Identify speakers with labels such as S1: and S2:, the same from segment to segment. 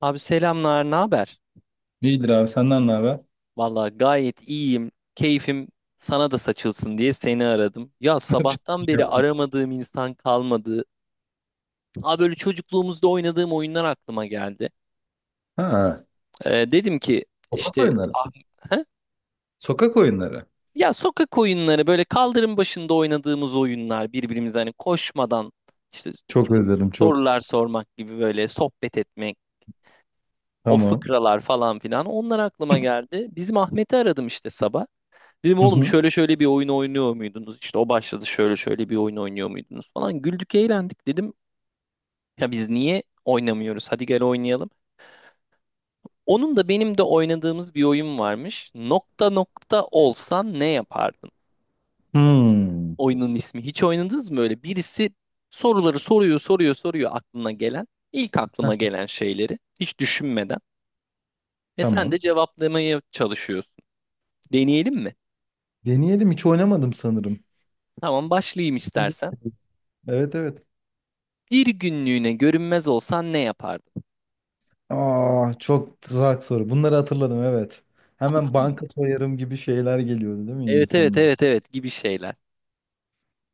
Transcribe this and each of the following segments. S1: Abi selamlar, ne haber?
S2: İyidir abi senden ne haber?
S1: Vallahi gayet iyiyim. Keyfim sana da saçılsın diye seni aradım. Ya
S2: Çok
S1: sabahtan
S2: iyi
S1: beri
S2: yaptın.
S1: aramadığım insan kalmadı. Aa böyle çocukluğumuzda oynadığım oyunlar aklıma geldi.
S2: Ha,
S1: Dedim ki
S2: sokak
S1: işte
S2: oyunları.
S1: he?
S2: Sokak oyunları.
S1: Ya sokak oyunları böyle kaldırım başında oynadığımız oyunlar birbirimize hani koşmadan işte ne
S2: Çok
S1: bileyim,
S2: özledim çok.
S1: sorular sormak gibi böyle sohbet etmek, o
S2: Tamam.
S1: fıkralar falan filan onlar aklıma geldi. Bizim Ahmet'i aradım işte sabah. Dedim
S2: Hı
S1: oğlum
S2: hı.
S1: şöyle şöyle bir oyun oynuyor muydunuz? İşte o başladı şöyle şöyle bir oyun oynuyor muydunuz falan. Güldük eğlendik dedim. Ya biz niye oynamıyoruz? Hadi gel oynayalım. Onun da benim de oynadığımız bir oyun varmış. Nokta nokta olsan ne yapardın?
S2: Hmm.
S1: Oyunun ismi. Hiç oynadınız mı öyle? Birisi soruları soruyor soruyor soruyor aklına gelen. İlk aklıma
S2: Heh,
S1: gelen şeyleri hiç düşünmeden. Ve sen de
S2: tamam.
S1: cevaplamaya çalışıyorsun. Deneyelim mi?
S2: Deneyelim, hiç oynamadım sanırım.
S1: Tamam başlayayım istersen.
S2: Evet evet.
S1: Bir günlüğüne görünmez olsan ne yapardın?
S2: Aa, çok tuzak soru. Bunları hatırladım, evet. Hemen
S1: Anladın mı?
S2: banka soyarım gibi şeyler geliyordu değil mi
S1: Evet evet
S2: insanlar?
S1: evet evet gibi şeyler.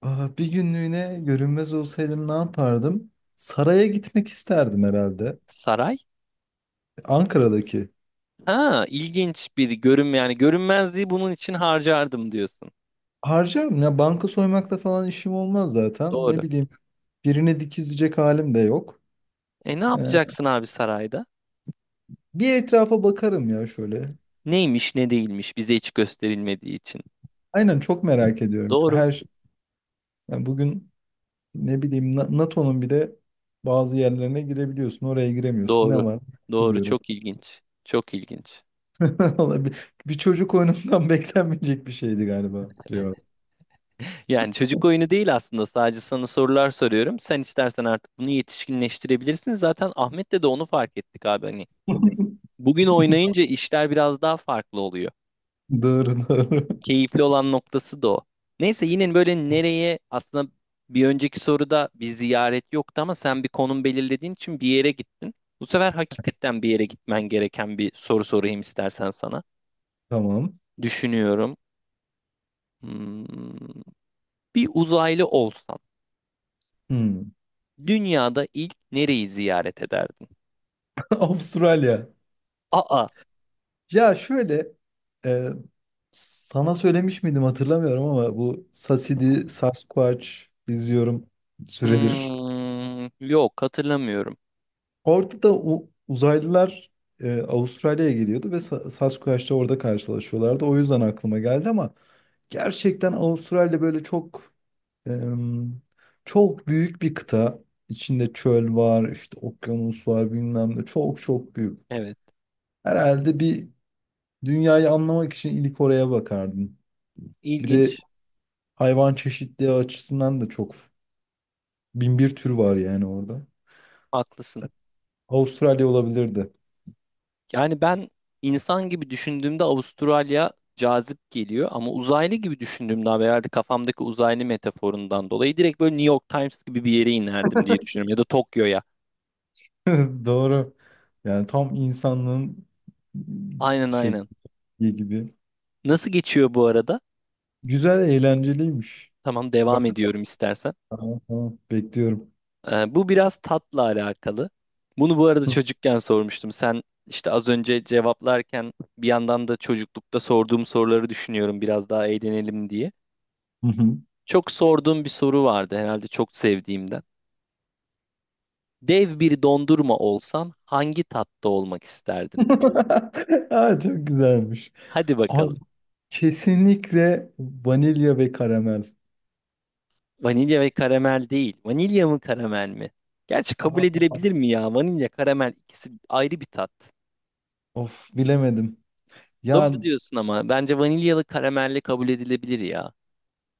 S2: Aa, bir günlüğüne görünmez olsaydım ne yapardım? Saraya gitmek isterdim herhalde.
S1: Saray?
S2: Ankara'daki.
S1: Ha ilginç bir görünme yani görünmezliği bunun için harcardım diyorsun.
S2: Harcarım ya, banka soymakla falan işim olmaz zaten.
S1: Doğru.
S2: Ne bileyim, birine dikizleyecek halim de yok.
S1: E ne
S2: Ee,
S1: yapacaksın abi sarayda?
S2: Bir etrafa bakarım ya şöyle.
S1: Neymiş ne değilmiş bize hiç gösterilmediği için.
S2: Aynen, çok merak ediyorum yani.
S1: Doğru.
S2: Her şey. Yani bugün ne bileyim, NATO'nun bir de bazı yerlerine girebiliyorsun. Oraya giremiyorsun. Ne
S1: Doğru.
S2: var?
S1: Doğru
S2: Gidiyorum.
S1: çok ilginç. Çok ilginç.
S2: Vallahi bir çocuk oyunundan beklenmeyecek bir şeydi galiba. Cevap.
S1: Yani çocuk oyunu değil aslında sadece sana sorular soruyorum. Sen istersen artık bunu yetişkinleştirebilirsin. Zaten Ahmet'le de onu fark ettik abi hani. Bugün oynayınca işler biraz daha farklı oluyor.
S2: Doğru doğru.
S1: Keyifli olan noktası da o. Neyse yine böyle nereye aslında bir önceki soruda bir ziyaret yoktu ama sen bir konum belirlediğin için bir yere gittin. Bu sefer hakikaten bir yere gitmen gereken bir soru sorayım istersen sana.
S2: Tamam.
S1: Düşünüyorum. Hmm, bir uzaylı olsan
S2: Hmm.
S1: dünyada ilk nereyi ziyaret ederdin?
S2: Avustralya.
S1: Aa,
S2: Ya şöyle, e, Sana söylemiş miydim hatırlamıyorum ama bu Sasidi, Sasquatch izliyorum süredir.
S1: yok hatırlamıyorum.
S2: Orada da uzaylılar Avustralya'ya geliyordu ve Sasquatch'la orada karşılaşıyorlardı. O yüzden aklıma geldi ama gerçekten Avustralya böyle çok em, çok büyük bir kıta. İçinde çöl var, işte okyanus var bilmem ne. Çok çok büyük.
S1: Evet,
S2: Herhalde bir, dünyayı anlamak için ilk oraya bakardım. Bir de
S1: ilginç.
S2: hayvan çeşitliği açısından da çok bin bir tür var yani orada.
S1: Haklısın.
S2: Avustralya olabilirdi.
S1: Yani ben insan gibi düşündüğümde Avustralya cazip geliyor ama uzaylı gibi düşündüğümde abi herhalde kafamdaki uzaylı metaforundan dolayı direkt böyle New York Times gibi bir yere inerdim diye düşünüyorum ya da Tokyo'ya.
S2: Doğru. Yani tam insanlığın
S1: Aynen
S2: şey
S1: aynen.
S2: gibi.
S1: Nasıl geçiyor bu arada?
S2: Güzel, eğlenceliymiş.
S1: Tamam
S2: Bak,
S1: devam ediyorum istersen.
S2: tamam, tamam. Bekliyorum.
S1: Bu biraz tatla alakalı. Bunu bu arada çocukken sormuştum. Sen işte az önce cevaplarken bir yandan da çocuklukta sorduğum soruları düşünüyorum biraz daha eğlenelim diye.
S2: Hı hı.
S1: Çok sorduğum bir soru vardı herhalde çok sevdiğimden. Dev bir dondurma olsan hangi tatta olmak isterdin?
S2: Aa, çok güzelmiş.
S1: Hadi
S2: Abi,
S1: bakalım.
S2: kesinlikle vanilya ve karamel.
S1: Vanilya ve karamel değil. Vanilya mı karamel mi? Gerçi
S2: Aa,
S1: kabul edilebilir mi ya? Vanilya, karamel ikisi ayrı bir tat.
S2: of bilemedim.
S1: Doğru
S2: Yani.
S1: diyorsun ama bence vanilyalı karamelli kabul edilebilir ya.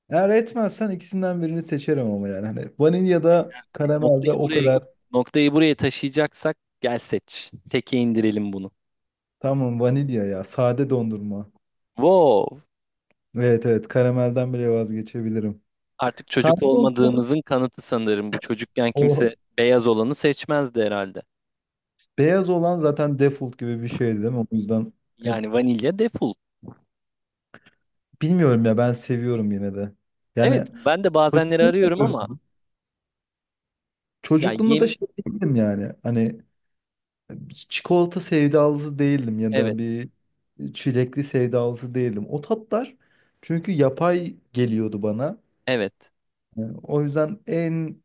S2: Eğer etmezsen ikisinden birini seçerim ama yani. Hani vanilya da karamel
S1: Noktayı
S2: de o
S1: buraya
S2: kadar.
S1: noktayı buraya taşıyacaksak gel seç. Teke indirelim bunu.
S2: Tamam, vanilya ya. Sade dondurma.
S1: Wow.
S2: Evet evet, karamelden bile vazgeçebilirim.
S1: Artık çocuk
S2: Sade dondurma,
S1: olmadığımızın kanıtı sanırım bu. Çocukken
S2: o
S1: kimse beyaz olanı seçmezdi herhalde.
S2: beyaz olan zaten default gibi bir şeydi değil mi? O yüzden hep,
S1: Yani vanilya defol.
S2: bilmiyorum ya, ben seviyorum yine de.
S1: Evet,
S2: Yani
S1: ben de bazenleri arıyorum ama
S2: çocukluğumda
S1: ya
S2: çocukluğumda da
S1: yem
S2: şey değildim yani. Hani çikolata sevdalısı değildim ya da
S1: evet,
S2: bir çilekli sevdalısı değildim. O tatlar çünkü yapay geliyordu bana.
S1: evet.
S2: Yani o yüzden en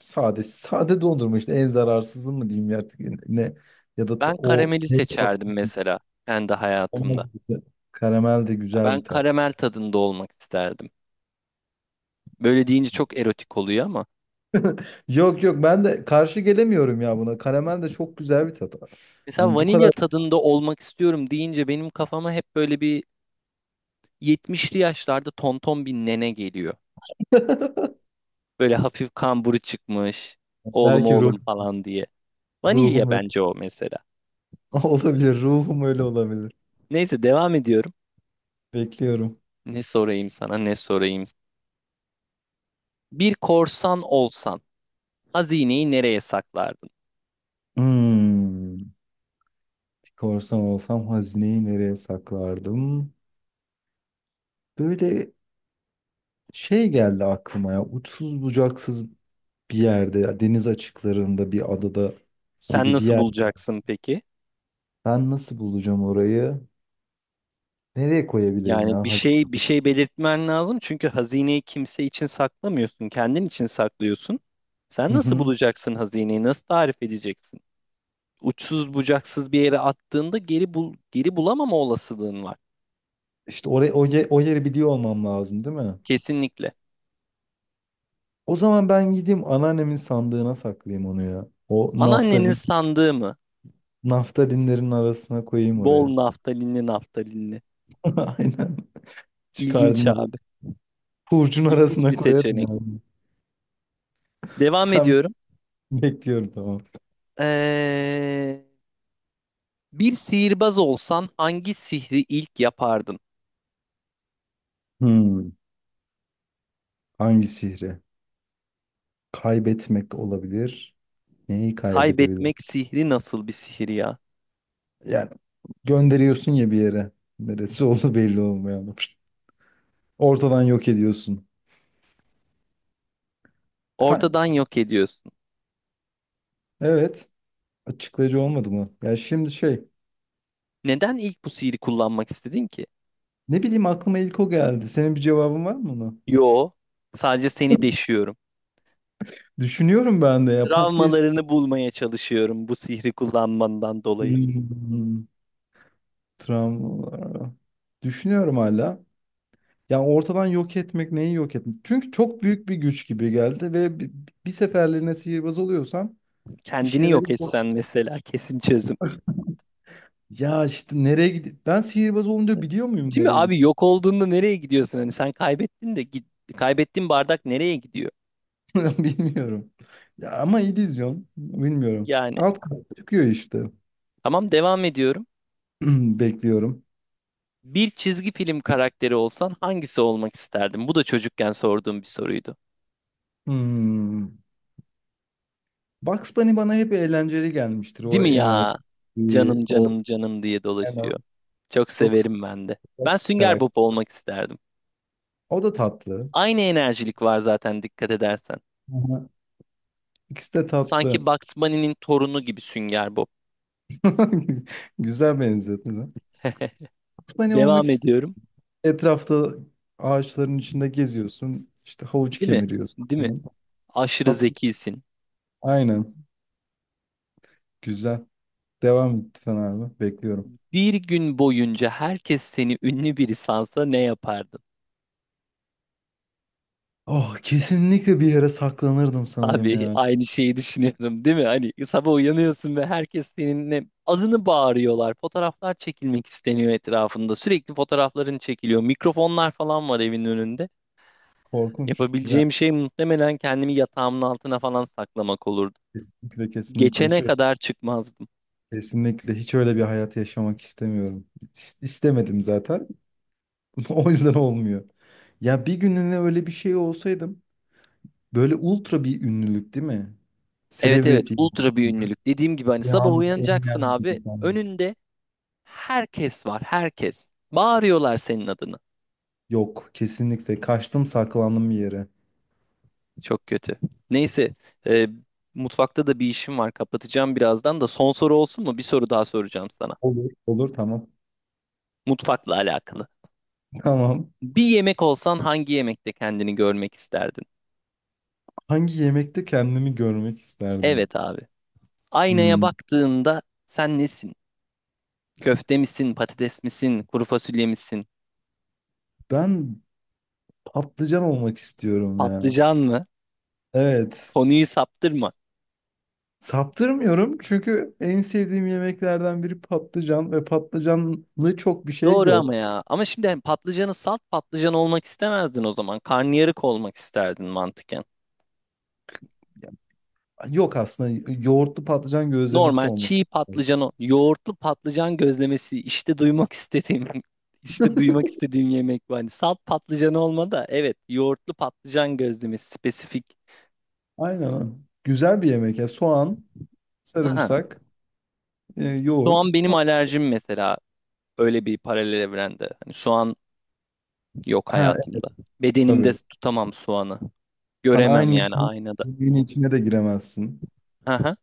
S2: sade, sade dondurma işte en zararsızı mı diyeyim ya artık, ne, ya da
S1: Ben
S2: o,
S1: karameli
S2: ne tat?
S1: seçerdim mesela kendi
S2: karamel
S1: hayatımda.
S2: de karamel de
S1: Ya
S2: güzel
S1: ben
S2: bir tat.
S1: karamel tadında olmak isterdim. Böyle deyince çok erotik oluyor ama
S2: Yok yok, ben de karşı gelemiyorum ya buna. Karamel de çok güzel bir tat.
S1: mesela
S2: Hani bu
S1: vanilya
S2: kadar
S1: tadında olmak istiyorum deyince benim kafama hep böyle bir 70'li yaşlarda tonton bir nene geliyor. Böyle hafif kamburu çıkmış. Oğlum
S2: belki
S1: oğlum falan diye. Vanilya
S2: ruhum öyle
S1: bence o mesela.
S2: olabilir. Ruhum öyle olabilir.
S1: Neyse devam ediyorum.
S2: Bekliyorum.
S1: Ne sorayım sana, ne sorayım. Bir korsan olsan hazineyi nereye saklardın?
S2: Hmm, bir korsan olsam hazineyi nereye saklardım? Böyle şey geldi aklıma ya, uçsuz bucaksız bir yerde, deniz açıklarında bir adada
S1: Sen
S2: gibi bir
S1: nasıl
S2: yer.
S1: bulacaksın peki?
S2: Ben nasıl bulacağım orayı? Nereye koyabilirim
S1: Yani bir
S2: ya? Hadi.
S1: şey bir şey belirtmen lazım çünkü hazineyi kimse için saklamıyorsun, kendin için saklıyorsun. Sen
S2: Hı
S1: nasıl
S2: hı.
S1: bulacaksın hazineyi? Nasıl tarif edeceksin? Uçsuz bucaksız bir yere attığında geri bulamama olasılığın var.
S2: İşte oraya, o yeri biliyor olmam lazım değil mi?
S1: Kesinlikle.
S2: O zaman ben gideyim anneannemin sandığına saklayayım onu ya.
S1: Anneannenin sandığı mı?
S2: Naftalinlerin arasına koyayım
S1: Bol
S2: oraya.
S1: naftalinli naftalinli.
S2: Aynen.
S1: İlginç
S2: Çıkardığında
S1: abi.
S2: hurcun
S1: İlginç bir
S2: arasına koyarım
S1: seçenek.
S2: yani.
S1: Devam
S2: Sen
S1: ediyorum.
S2: Bekliyorum, tamam.
S1: Ee, Bir sihirbaz olsan hangi sihri ilk yapardın?
S2: Hmm. Hangi sihri? Kaybetmek olabilir. Neyi
S1: Kaybetmek
S2: kaybedebilirim?
S1: sihri nasıl bir sihir ya?
S2: Yani gönderiyorsun ya bir yere. Neresi oldu belli olmayan. Ortadan yok ediyorsun. Ka-
S1: Ortadan yok ediyorsun.
S2: evet. Açıklayıcı olmadı mı? Ya şimdi şey.
S1: Neden ilk bu sihri kullanmak istedin ki?
S2: Ne bileyim, aklıma ilk o geldi. Senin bir cevabın var mı ona?
S1: Yo, sadece seni deşiyorum.
S2: Düşünüyorum ben de ya. Pat diye...
S1: Travmalarını bulmaya çalışıyorum bu sihri kullanmandan dolayı.
S2: Hmm, travmalar. Düşünüyorum hala. Ya, ortadan yok etmek, neyi yok etmek? Çünkü çok büyük bir güç gibi geldi ve bir seferliğine sihirbaz oluyorsam bir
S1: Kendini
S2: şeyleri...
S1: yok etsen mesela kesin çözüm.
S2: Ya işte nereye gidiyor? Ben sihirbaz olunca biliyor muyum
S1: Değil mi
S2: nereye
S1: abi
S2: gidiyor?
S1: yok olduğunda nereye gidiyorsun? Hani sen kaybettin de git, kaybettiğin bardak nereye gidiyor?
S2: Bilmiyorum. Ya ama illüzyon. Bilmiyorum.
S1: Yani
S2: Alt kat çıkıyor işte.
S1: tamam devam ediyorum.
S2: Bekliyorum.
S1: Bir çizgi film karakteri olsan hangisi olmak isterdin? Bu da çocukken sorduğum bir soruydu.
S2: Hmm. Bugs Bunny bana hep eğlenceli gelmiştir.
S1: Değil
S2: O
S1: mi
S2: enerji,
S1: ya? Canım
S2: o
S1: canım canım diye
S2: enerji.
S1: dolaşıyor. Çok
S2: Çok sıcak
S1: severim ben de. Ben
S2: bir
S1: Sünger Bob
S2: karakter.
S1: olmak isterdim.
S2: O da tatlı.
S1: Aynı enerjilik var zaten dikkat edersen.
S2: Aha. İkisi de
S1: Sanki
S2: tatlı.
S1: Bugs Bunny'nin torunu gibi Sünger Bob.
S2: Güzel benzetme. Bugs Bunny olmak
S1: Devam
S2: ist
S1: ediyorum.
S2: Etrafta ağaçların içinde geziyorsun. İşte havuç
S1: Değil mi?
S2: kemiriyorsun
S1: Değil mi?
S2: falan.
S1: Aşırı
S2: Tatlı.
S1: zekisin.
S2: Aynen. Güzel. Devam et lütfen abi. Bekliyorum.
S1: Bir gün boyunca herkes seni ünlü biri sansa ne yapardın?
S2: Oh, kesinlikle bir yere saklanırdım sanırım
S1: Abi
S2: ya.
S1: aynı şeyi düşünüyorum değil mi? Hani sabah uyanıyorsun ve herkes seninle adını bağırıyorlar. Fotoğraflar çekilmek isteniyor etrafında. Sürekli fotoğrafların çekiliyor. Mikrofonlar falan var evin önünde.
S2: Korkunç. Yani
S1: Yapabileceğim şey muhtemelen kendimi yatağımın altına falan saklamak olurdu.
S2: kesinlikle,
S1: Geçene kadar çıkmazdım.
S2: kesinlikle hiç öyle bir hayat yaşamak istemiyorum. İstemedim zaten. O yüzden olmuyor. Ya bir gününe öyle bir şey olsaydım böyle ultra bir ünlülük, değil mi?
S1: Evet evet
S2: Celebrity.
S1: ultra bir ünlülük. Dediğim gibi hani sabah
S2: Rihanna,
S1: uyanacaksın
S2: Eminem
S1: abi.
S2: gibi falan.
S1: Önünde herkes var herkes. Bağırıyorlar senin adını.
S2: Yok, kesinlikle kaçtım, saklandım bir yere.
S1: Çok kötü. Neyse, e, mutfakta da bir işim var. Kapatacağım birazdan da. Son soru olsun mu? Bir soru daha soracağım sana.
S2: Olur. Olur, tamam.
S1: Mutfakla alakalı.
S2: Tamam.
S1: Bir yemek olsan hangi yemekte kendini görmek isterdin?
S2: Hangi yemekte kendimi görmek isterdim?
S1: Evet abi. Aynaya
S2: Hmm.
S1: baktığında sen nesin? Köfte misin, patates misin, kuru fasulye misin,
S2: Ben patlıcan olmak istiyorum ya.
S1: patlıcan mı?
S2: Evet.
S1: Konuyu saptırma.
S2: Saptırmıyorum çünkü en sevdiğim yemeklerden biri patlıcan ve patlıcanlı çok bir şey
S1: Doğru ama
S2: yok.
S1: ya. Ama şimdi hani patlıcanı salt patlıcan olmak istemezdin o zaman. Karnıyarık olmak isterdin mantıken.
S2: Ya, yok, aslında yoğurtlu patlıcan gözlemesi
S1: Normal
S2: olmak
S1: çiğ
S2: istiyorum.
S1: patlıcan, yoğurtlu patlıcan gözlemesi işte duymak istediğim işte duymak istediğim yemek bu. Hani salt patlıcan olma da evet yoğurtlu patlıcan gözlemesi spesifik.
S2: Aynen, öyle. Güzel bir yemek ya. Soğan,
S1: Aa,
S2: sarımsak,
S1: soğan
S2: yoğurt.
S1: benim alerjim mesela öyle bir paralel evrende. Hani soğan yok
S2: Ha evet,
S1: hayatımda. Bedenimde
S2: tabii.
S1: tutamam soğanı.
S2: Sen
S1: Göremem
S2: aynı
S1: yani aynada.
S2: yemeğin içine de giremezsin.
S1: Aha.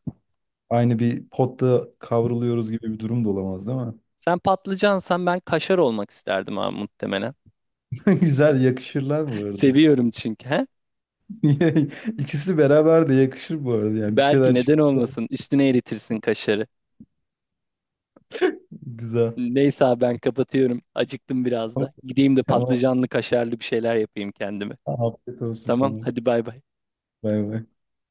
S2: Aynı bir potta kavruluyoruz gibi bir durum da olamaz, değil mi?
S1: Sen patlıcansan ben kaşar olmak isterdim abi muhtemelen.
S2: Güzel, yakışırlar bu arada.
S1: Seviyorum çünkü. He?
S2: İkisi beraber de yakışır bu arada, yani bir
S1: Belki
S2: şeyler
S1: neden olmasın? Üstüne eritirsin kaşarı.
S2: güzel.
S1: Neyse abi ben kapatıyorum. Acıktım biraz
S2: Tamam.
S1: da. Gideyim de
S2: Tamam.
S1: patlıcanlı kaşarlı bir şeyler yapayım kendime.
S2: Afiyet olsun
S1: Tamam
S2: sana.
S1: hadi bay bay.
S2: Bay bay.